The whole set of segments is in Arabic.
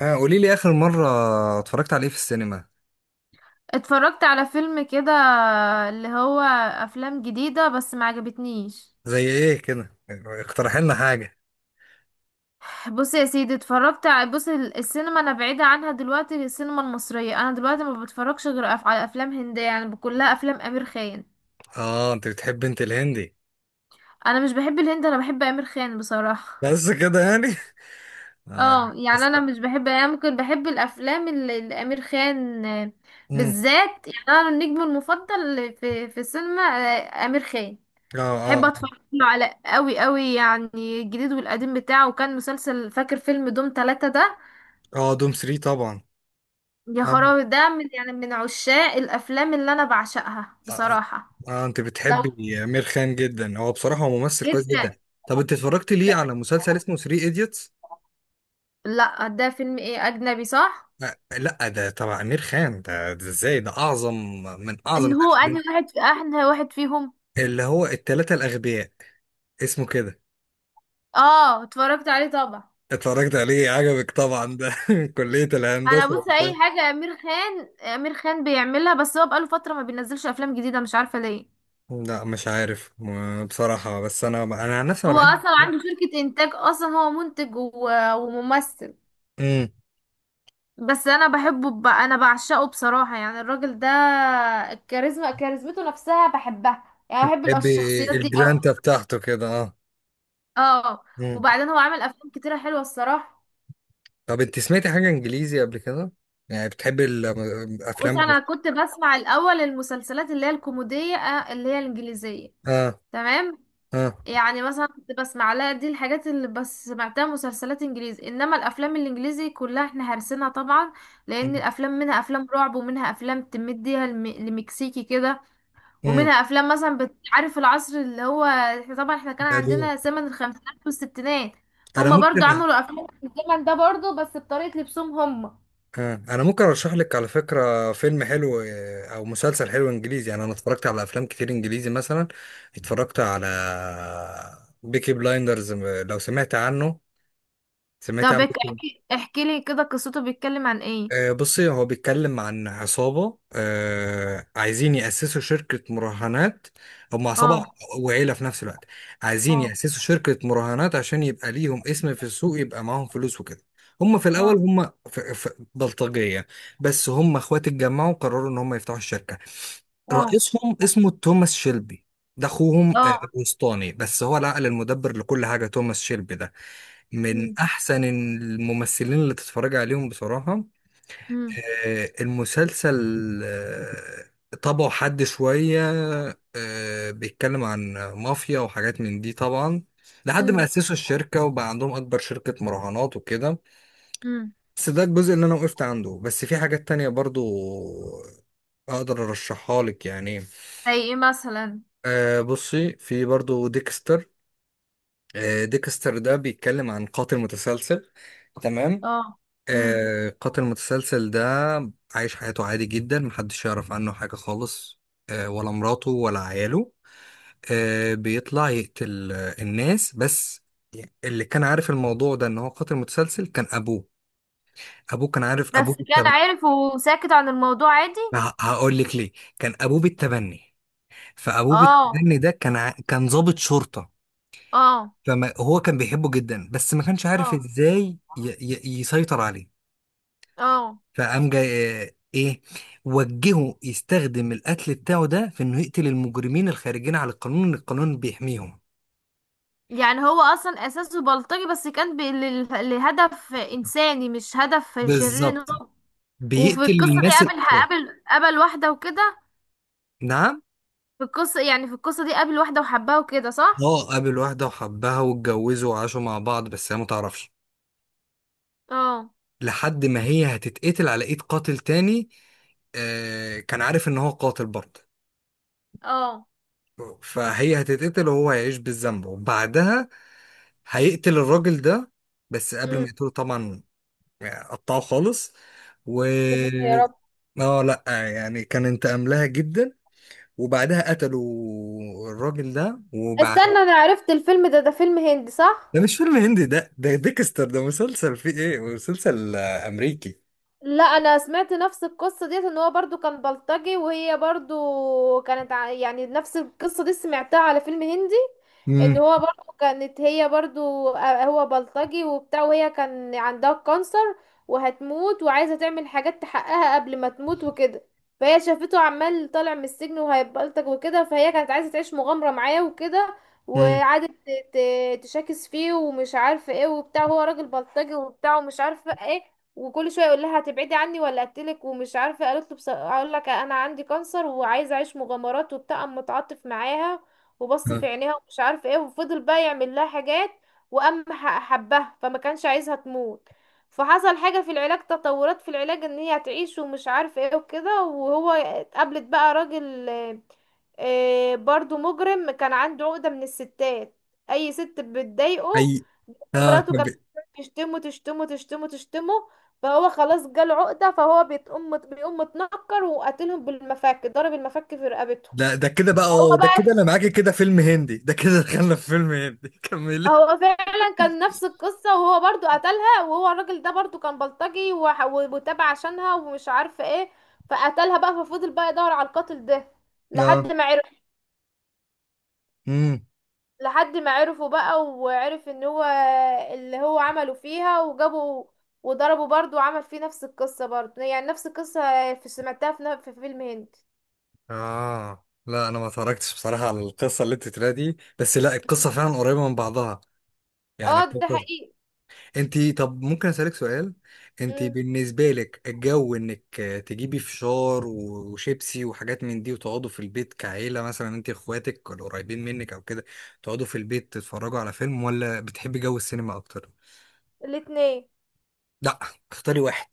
آه، قولي لي آخر مرة اتفرجت على ايه في السينما؟ اتفرجت على فيلم كده، اللي هو افلام جديدة بس ما عجبتنيش. زي ايه كده، اقترح لنا حاجة. بص يا سيدي، اتفرجت السينما انا بعيدة عنها دلوقتي. السينما المصرية انا دلوقتي ما بتفرجش غير على افلام هندية، يعني كلها افلام امير خان. اه، انت بتحب الهندي؟ انا مش بحب الهند، انا بحب امير خان بصراحة. بس كده يعني. آه. اه يعني بس. انا مش بحب، يعني ممكن بحب الافلام اللي امير خان، مم. بالذات. يعني انا النجم المفضل في السينما امير خان. اه بحب اه. اتفرج له على قوي قوي يعني. الجديد والقديم بتاعه، وكان مسلسل، فاكر فيلم دوم ثلاثة ده؟ اه، دوم 3 طبعا. يا اه، خرابي، ده من، يعني من عشاق الافلام اللي انا بعشقها اه, آه. بصراحة. آه، انت لو بتحبي امير خان جدا. هو بصراحة ممثل كويس جدا. جدا. طب انت اتفرجت ليه على مسلسل اسمه 3 ايديوتس؟ لا ده فيلم ايه، اجنبي، صح؟ لا، ده تبع امير خان ده، ازاي ده اعظم من اعظم ان هو الافلام. انهي واحد في احنا واحد فيهم. اللي هو التلاتة الاغبياء، اسمه كده. اه اتفرجت عليه طبعا. اتفرجت عليه، عجبك طبعا ده كلية انا الهندسة بص، وبتاع. اي حاجة امير خان، امير خان بيعملها. بس هو بقاله فترة ما بينزلش افلام جديدة، مش عارفة ليه. لا، مش عارف بصراحة، بس انا عن نفسي انا هو بحب اصلا عنده شركة انتاج، اصلا هو منتج وممثل. امم. بس انا بحبه انا بعشقه بصراحة، يعني الراجل ده الكاريزما، كاريزمته نفسها بحبها. يعني بحب بحب الشخصيات دي قوي. الجرانتا بتاعته كده، اه. اه امم. وبعدين هو عامل افلام كتيرة حلوة الصراحة. طب انت سمعتي حاجة انجليزي قبل كده؟ يعني بتحبي بص الافلام؟ انا كنت بسمع الاول المسلسلات اللي هي الكوميدية، اللي هي الانجليزية. اه. تمام. اه. يعني مثلا كنت بسمع لها دي الحاجات اللي، بس سمعتها مسلسلات انجليزي، انما الافلام الانجليزي كلها احنا هرسنا طبعا. لان امم. الافلام منها افلام رعب، ومنها افلام تمديها لمكسيكي كده. أمم. ومنها افلام مثلا، بتعرف العصر اللي هو احنا طبعا، احنا كان بعدين، عندنا زمن الخمسينات والستينات، انا هما ممكن. برضو عملوا افلام في الزمن ده برضو، بس بطريقة لبسهم هما. انا ممكن ارشح لك على فكره فيلم حلو، او مسلسل حلو انجليزي. يعني انا اتفرجت على افلام كتير انجليزي، مثلا اتفرجت على بيكي بلايندرز، لو سمعت عنه. سمعت طب عنه؟ احكي احكي لي كده قصته، بيتكلم عن ايه؟ بصي، هو بيتكلم عن عصابة عايزين يأسسوا شركة مراهنات. هم اه. عصابة وعيلة في نفس الوقت. عايزين اه. يأسسوا شركة مراهنات عشان يبقى ليهم اسم في السوق، يبقى معاهم فلوس وكده. هم في الأول اه. هم في بلطجية. بس هم اخوات، اتجمعوا وقرروا إن هم يفتحوا الشركة. اه. رئيسهم اسمه توماس شيلبي، ده اخوهم اه. الوسطاني، بس هو العقل المدبر لكل حاجه. توماس شيلبي ده من امم. احسن الممثلين اللي تتفرج عليهم بصراحه. امم. المسلسل آه، طبعه حد شوية، بيتكلم عن مافيا وحاجات من دي طبعا، لحد ما امم. أسسوا الشركة وبقى عندهم أكبر شركة مراهنات وكده. امم. بس ده الجزء اللي أنا وقفت عنده، بس في حاجات تانية برضو أقدر أرشحها لك يعني. زي ايه مثلا؟ بصي، في برضو ديكستر. ديكستر ده بيتكلم عن قاتل متسلسل. تمام. اه. امم. قاتل متسلسل ده عايش حياته عادي جدا، محدش يعرف عنه حاجة خالص، ولا مراته ولا عياله. بيطلع يقتل الناس بس. اللي كان عارف الموضوع ده ان هو قاتل متسلسل كان ابوه. ابوه كان عارف، ابوه بس كان بالتبني. عارف وساكت عن الموضوع عادي؟ هقول لك ليه. كان ابوه بالتبني. فابوه اه. بالتبني ده كان ضابط شرطة. اه. فهو كان بيحبه جدا، بس ما كانش عارف اه. ازاي يسيطر عليه. اه. فقام جاي ايه، وجهه يستخدم القتل بتاعه ده في انه يقتل المجرمين الخارجين على القانون، ان القانون بيحميهم. يعني هو اصلا اساسه بلطجي، بس كان لهدف انساني، مش هدف شرير، ان بالظبط، هو. وفي بيقتل القصه دي الناس قابل الأخرى. قابل واحده وكده. نعم. في القصه، يعني في القصه دي قابل واحده وحبها وكده، صح؟ اه، قابل واحدة وحبها واتجوزوا وعاشوا مع بعض، بس هي ما تعرفش، اه. لحد ما هي هتتقتل على ايد قاتل تاني. كان عارف ان هو قاتل برضه. اه. فهي هتتقتل وهو هيعيش بالذنب، وبعدها هيقتل الراجل ده. بس قبل ما امم. يقتله طبعا، يعني قطعه خالص و... يا ستي يا رب. اه، لا، يعني كانت املاها جدا. وبعدها قتلوا الراجل ده وبعد. استنى، انا عرفت الفيلم ده، ده فيلم هندي صح؟ ده مش فيلم هندي، ده ديكستر ده مسلسل، فيه ايه، مسلسل امريكي. لا انا سمعت نفس القصه ديت، ان هو برضو كان بلطجي، وهي برضو كانت يعني نفس القصه دي سمعتها على فيلم هندي. ان امم. هو برضو، كانت هي برضو، هو بلطجي وبتاع، وهي كان عندها كانسر وهتموت، وعايزه تعمل حاجات تحققها قبل ما تموت وكده. فهي شافته عمال طالع من السجن وهيبلطج وكده، فهي كانت عايزه تعيش مغامره معاه وكده. امم. وقعدت تشاكس فيه ومش عارفه ايه وبتاع، هو راجل بلطجي وبتاع ومش عارفه ايه. وكل شويه يقول لها هتبعدي عني ولا اقتلك ومش عارفه، قالت له اقول لك انا عندي كانسر وعايزه اعيش مغامرات وبتاع، قام متعاطف معاها. وبص في آه. عينيها ومش عارف ايه، وفضل بقى يعمل لها حاجات. وقام حبها، فما كانش عايزها تموت. فحصل حاجه في العلاج، تطورات في العلاج، ان هي هتعيش ومش عارف ايه وكده. وهو اتقابلت بقى راجل، برضو مجرم، كان عنده عقده من الستات، اي ست بتضايقه. اي. اه، مراته طب. كانت بتشتمه تشتمه، فهو خلاص جاله عقدة. فهو بيقوم، بيقوم متنكر وقاتلهم بالمفك، ضرب المفك في رقبته. ده كده بقى، هو اه، ده بقى، كده انا معاك، كده فيلم هندي، ده كده دخلنا في فيلم هندي كملي. هو فعلا كان نفس القصة، وهو برضو قتلها. وهو الراجل ده برضو كان بلطجي، وتابع عشانها ومش عارفة ايه. فقتلها بقى. ففضل بقى يدور على القاتل ده اه. لحد ما عرف. امم. لحد ما عرفه بقى وعرف ان هو اللي هو عمله فيها، وجابوا وضربه برضو، وعمل فيه نفس القصة برضو، يعني نفس القصة في، سمعتها في فيلم هندي. اه، لا، انا ما اتفرجتش بصراحه على القصه اللي انت تلاقي دي، بس لا، القصه فعلا قريبه من بعضها اه يعني. ده حقيقي. انتي، طب ممكن اسالك سؤال؟ انتي بالنسبه لك، الجو انك تجيبي فشار وشيبسي وحاجات من دي، وتقعدوا في البيت كعيله، مثلا انتي اخواتك ولا قريبين منك او كده، تقعدوا في البيت تتفرجوا على فيلم، ولا بتحبي جو السينما اكتر؟ الاتنين. لا، اختاري واحد.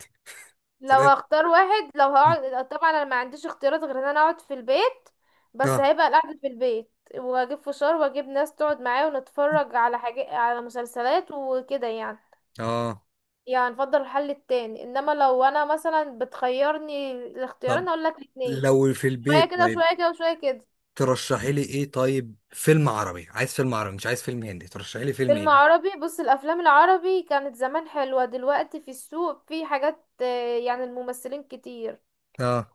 لو تمام. هختار واحد، لو هقعد، طبعا انا ما عنديش اختيارات غير ان انا اقعد في البيت. بس اه. هيبقى القعدة في البيت، واجيب فشار، واجيب ناس تقعد معايا، ونتفرج على حاجة، على مسلسلات وكده يعني. اه، يعني نفضل الحل التاني، انما لو انا مثلا بتخيرني طب. الاختيارين، اقول لك الاتنين. لو في شوية البيت، كده، طيب وشوية كده، وشوية كده. ترشحي لي ايه؟ طيب فيلم عربي، عايز فيلم عربي مش عايز فيلم هندي، ترشحي لي فيلم فيلم ايه؟ عربي، بص الافلام العربي كانت زمان حلوة، دلوقتي في السوق في حاجات، يعني الممثلين كتير، اه،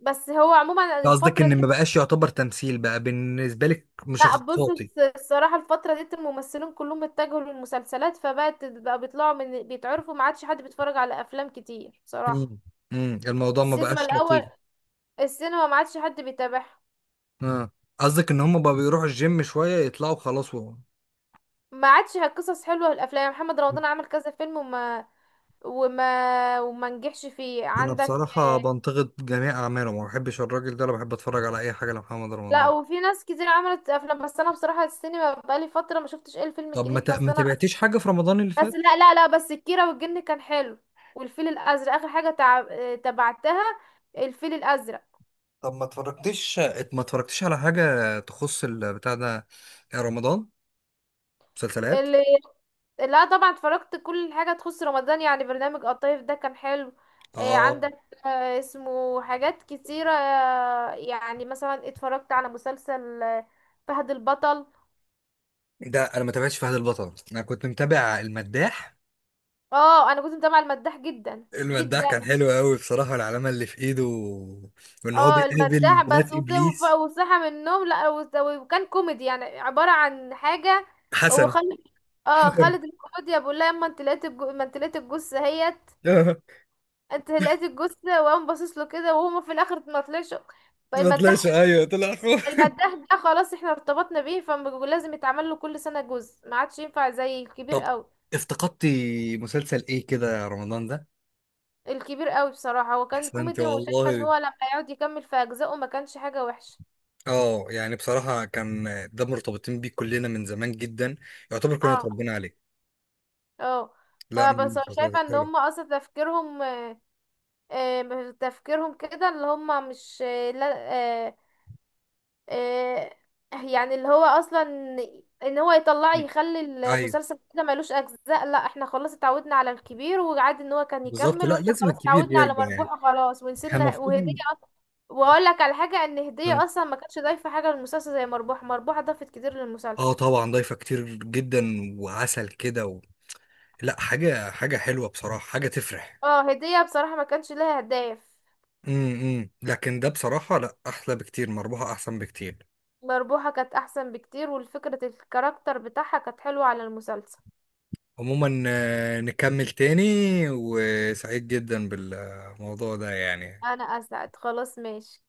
بس هو عموما قصدك الفترة ان دي. ما بقاش يعتبر تمثيل بقى بالنسبه لك، لا بص مشخصات؟ الصراحة الفترة ديت الممثلين كلهم اتجهوا للمسلسلات، فبقت بقى بيطلعوا من بيتعرفوا، ما عادش حد بيتفرج على أفلام كتير بصراحة. مم. مم. الموضوع ما السينما بقاش لطيف. الأول، السينما ما عادش حد بيتابعها. اه، قصدك ان هم بقى بيروحوا الجيم شويه يطلعوا خلاص. ما عادش قصص حلوة في الأفلام، محمد رمضان عمل كذا فيلم وما، وما نجحش فيه انا عندك. بصراحه آه، بنتقد جميع اعماله، ما بحبش الراجل ده، انا بحب اتفرج على اي حاجه لمحمد لا رمضان. وفي ناس كتير عملت أفلام، بس أنا بصراحة السينما بقالي فترة ما شفتش ايه الفيلم طب ما الجديد، بس ما أنا، تبعتيش حاجه في رمضان اللي بس فات؟ لا لا لا، بس الكيرة والجن كان حلو. والفيل الأزرق آخر حاجة تبعتها، الفيل الأزرق. طب ما اتفرجتش، ما اتفرجتيش على حاجه تخص البتاع ده، رمضان، مسلسلات؟ اللي لا طبعا اتفرجت كل حاجة تخص رمضان، يعني برنامج الطيف ده كان حلو، اه، عندك، اسمه حاجات كتيرة، يعني مثلا اتفرجت على مسلسل فهد البطل. ده انا ما تابعتش فهد البطل، انا كنت متابع المداح. اه انا كنت متابعة المداح جدا المداح جدا. كان حلو قوي بصراحه، العلامه اللي في ايده وان هو اه بيقابل المداح، بنات ابليس. وصحى من النوم، لا وز- وكان كوميدي يعني، عبارة عن حاجة. هو حسن. خالد، اه حسن. خالد الكوميديا بيقول لها، اما انت لقيت ما انت لقيت الجثة اهيت، آه. انت لقيت الجثة، وقام باصص له كده، وهو في الاخر ما طلعش. ما طلعش. فالمداح، ايوه، طلع اخوه. المداح ده خلاص احنا ارتبطنا بيه، فلازم يتعمل له كل سنة جزء، ما عادش ينفع زي الكبير طب قوي. افتقدتي مسلسل ايه كده يا رمضان ده؟ الكبير قوي بصراحة هو كان احسنتي كوميدي، والله. وشايفة ان هو لما يقعد يكمل في اجزائه ما كانش حاجة وحشة. اه، يعني بصراحة كان، ده مرتبطين بيه كلنا من زمان جدا، يعتبر كلنا اه. اتربينا عليه. اه. لا، من فبس أنا المسلسلات شايفة ان الحلوة. هم اصلا تفكيرهم، تفكيرهم كده اللي هم مش، آه، لا آه، آه، يعني اللي هو اصلا ان هو يطلع م- يخلي ايوه. المسلسل كده ملوش اجزاء. لا احنا خلاص اتعودنا على الكبير، وعادي ان هو كان بالظبط، يكمل، لا واحنا لازم خلاص الكبير اتعودنا على يرجع يعني، مربوحة خلاص، احنا ونسينا وهدية المفروض. اصلا. واقول لك على حاجة، ان هدية اصلا ما كانتش ضايفة حاجة للمسلسل زي مربوحة. مربوحة ضافت كتير اه للمسلسل. طبعا، ضايفة كتير جدا، وعسل كده. لا، حاجة حاجة حلوة بصراحة، حاجة تفرح. اه هدية بصراحة ما كانش لها هدايا. امم، لكن ده بصراحة، لا، احلى بكتير، مربوحة احسن بكتير. مربوحة كانت أحسن بكتير، والفكرة الكاركتر بتاعها كانت حلوة على المسلسل. عموما، نكمل تاني، وسعيد جدا بالموضوع ده يعني. أنا أسعد، خلاص ماشي.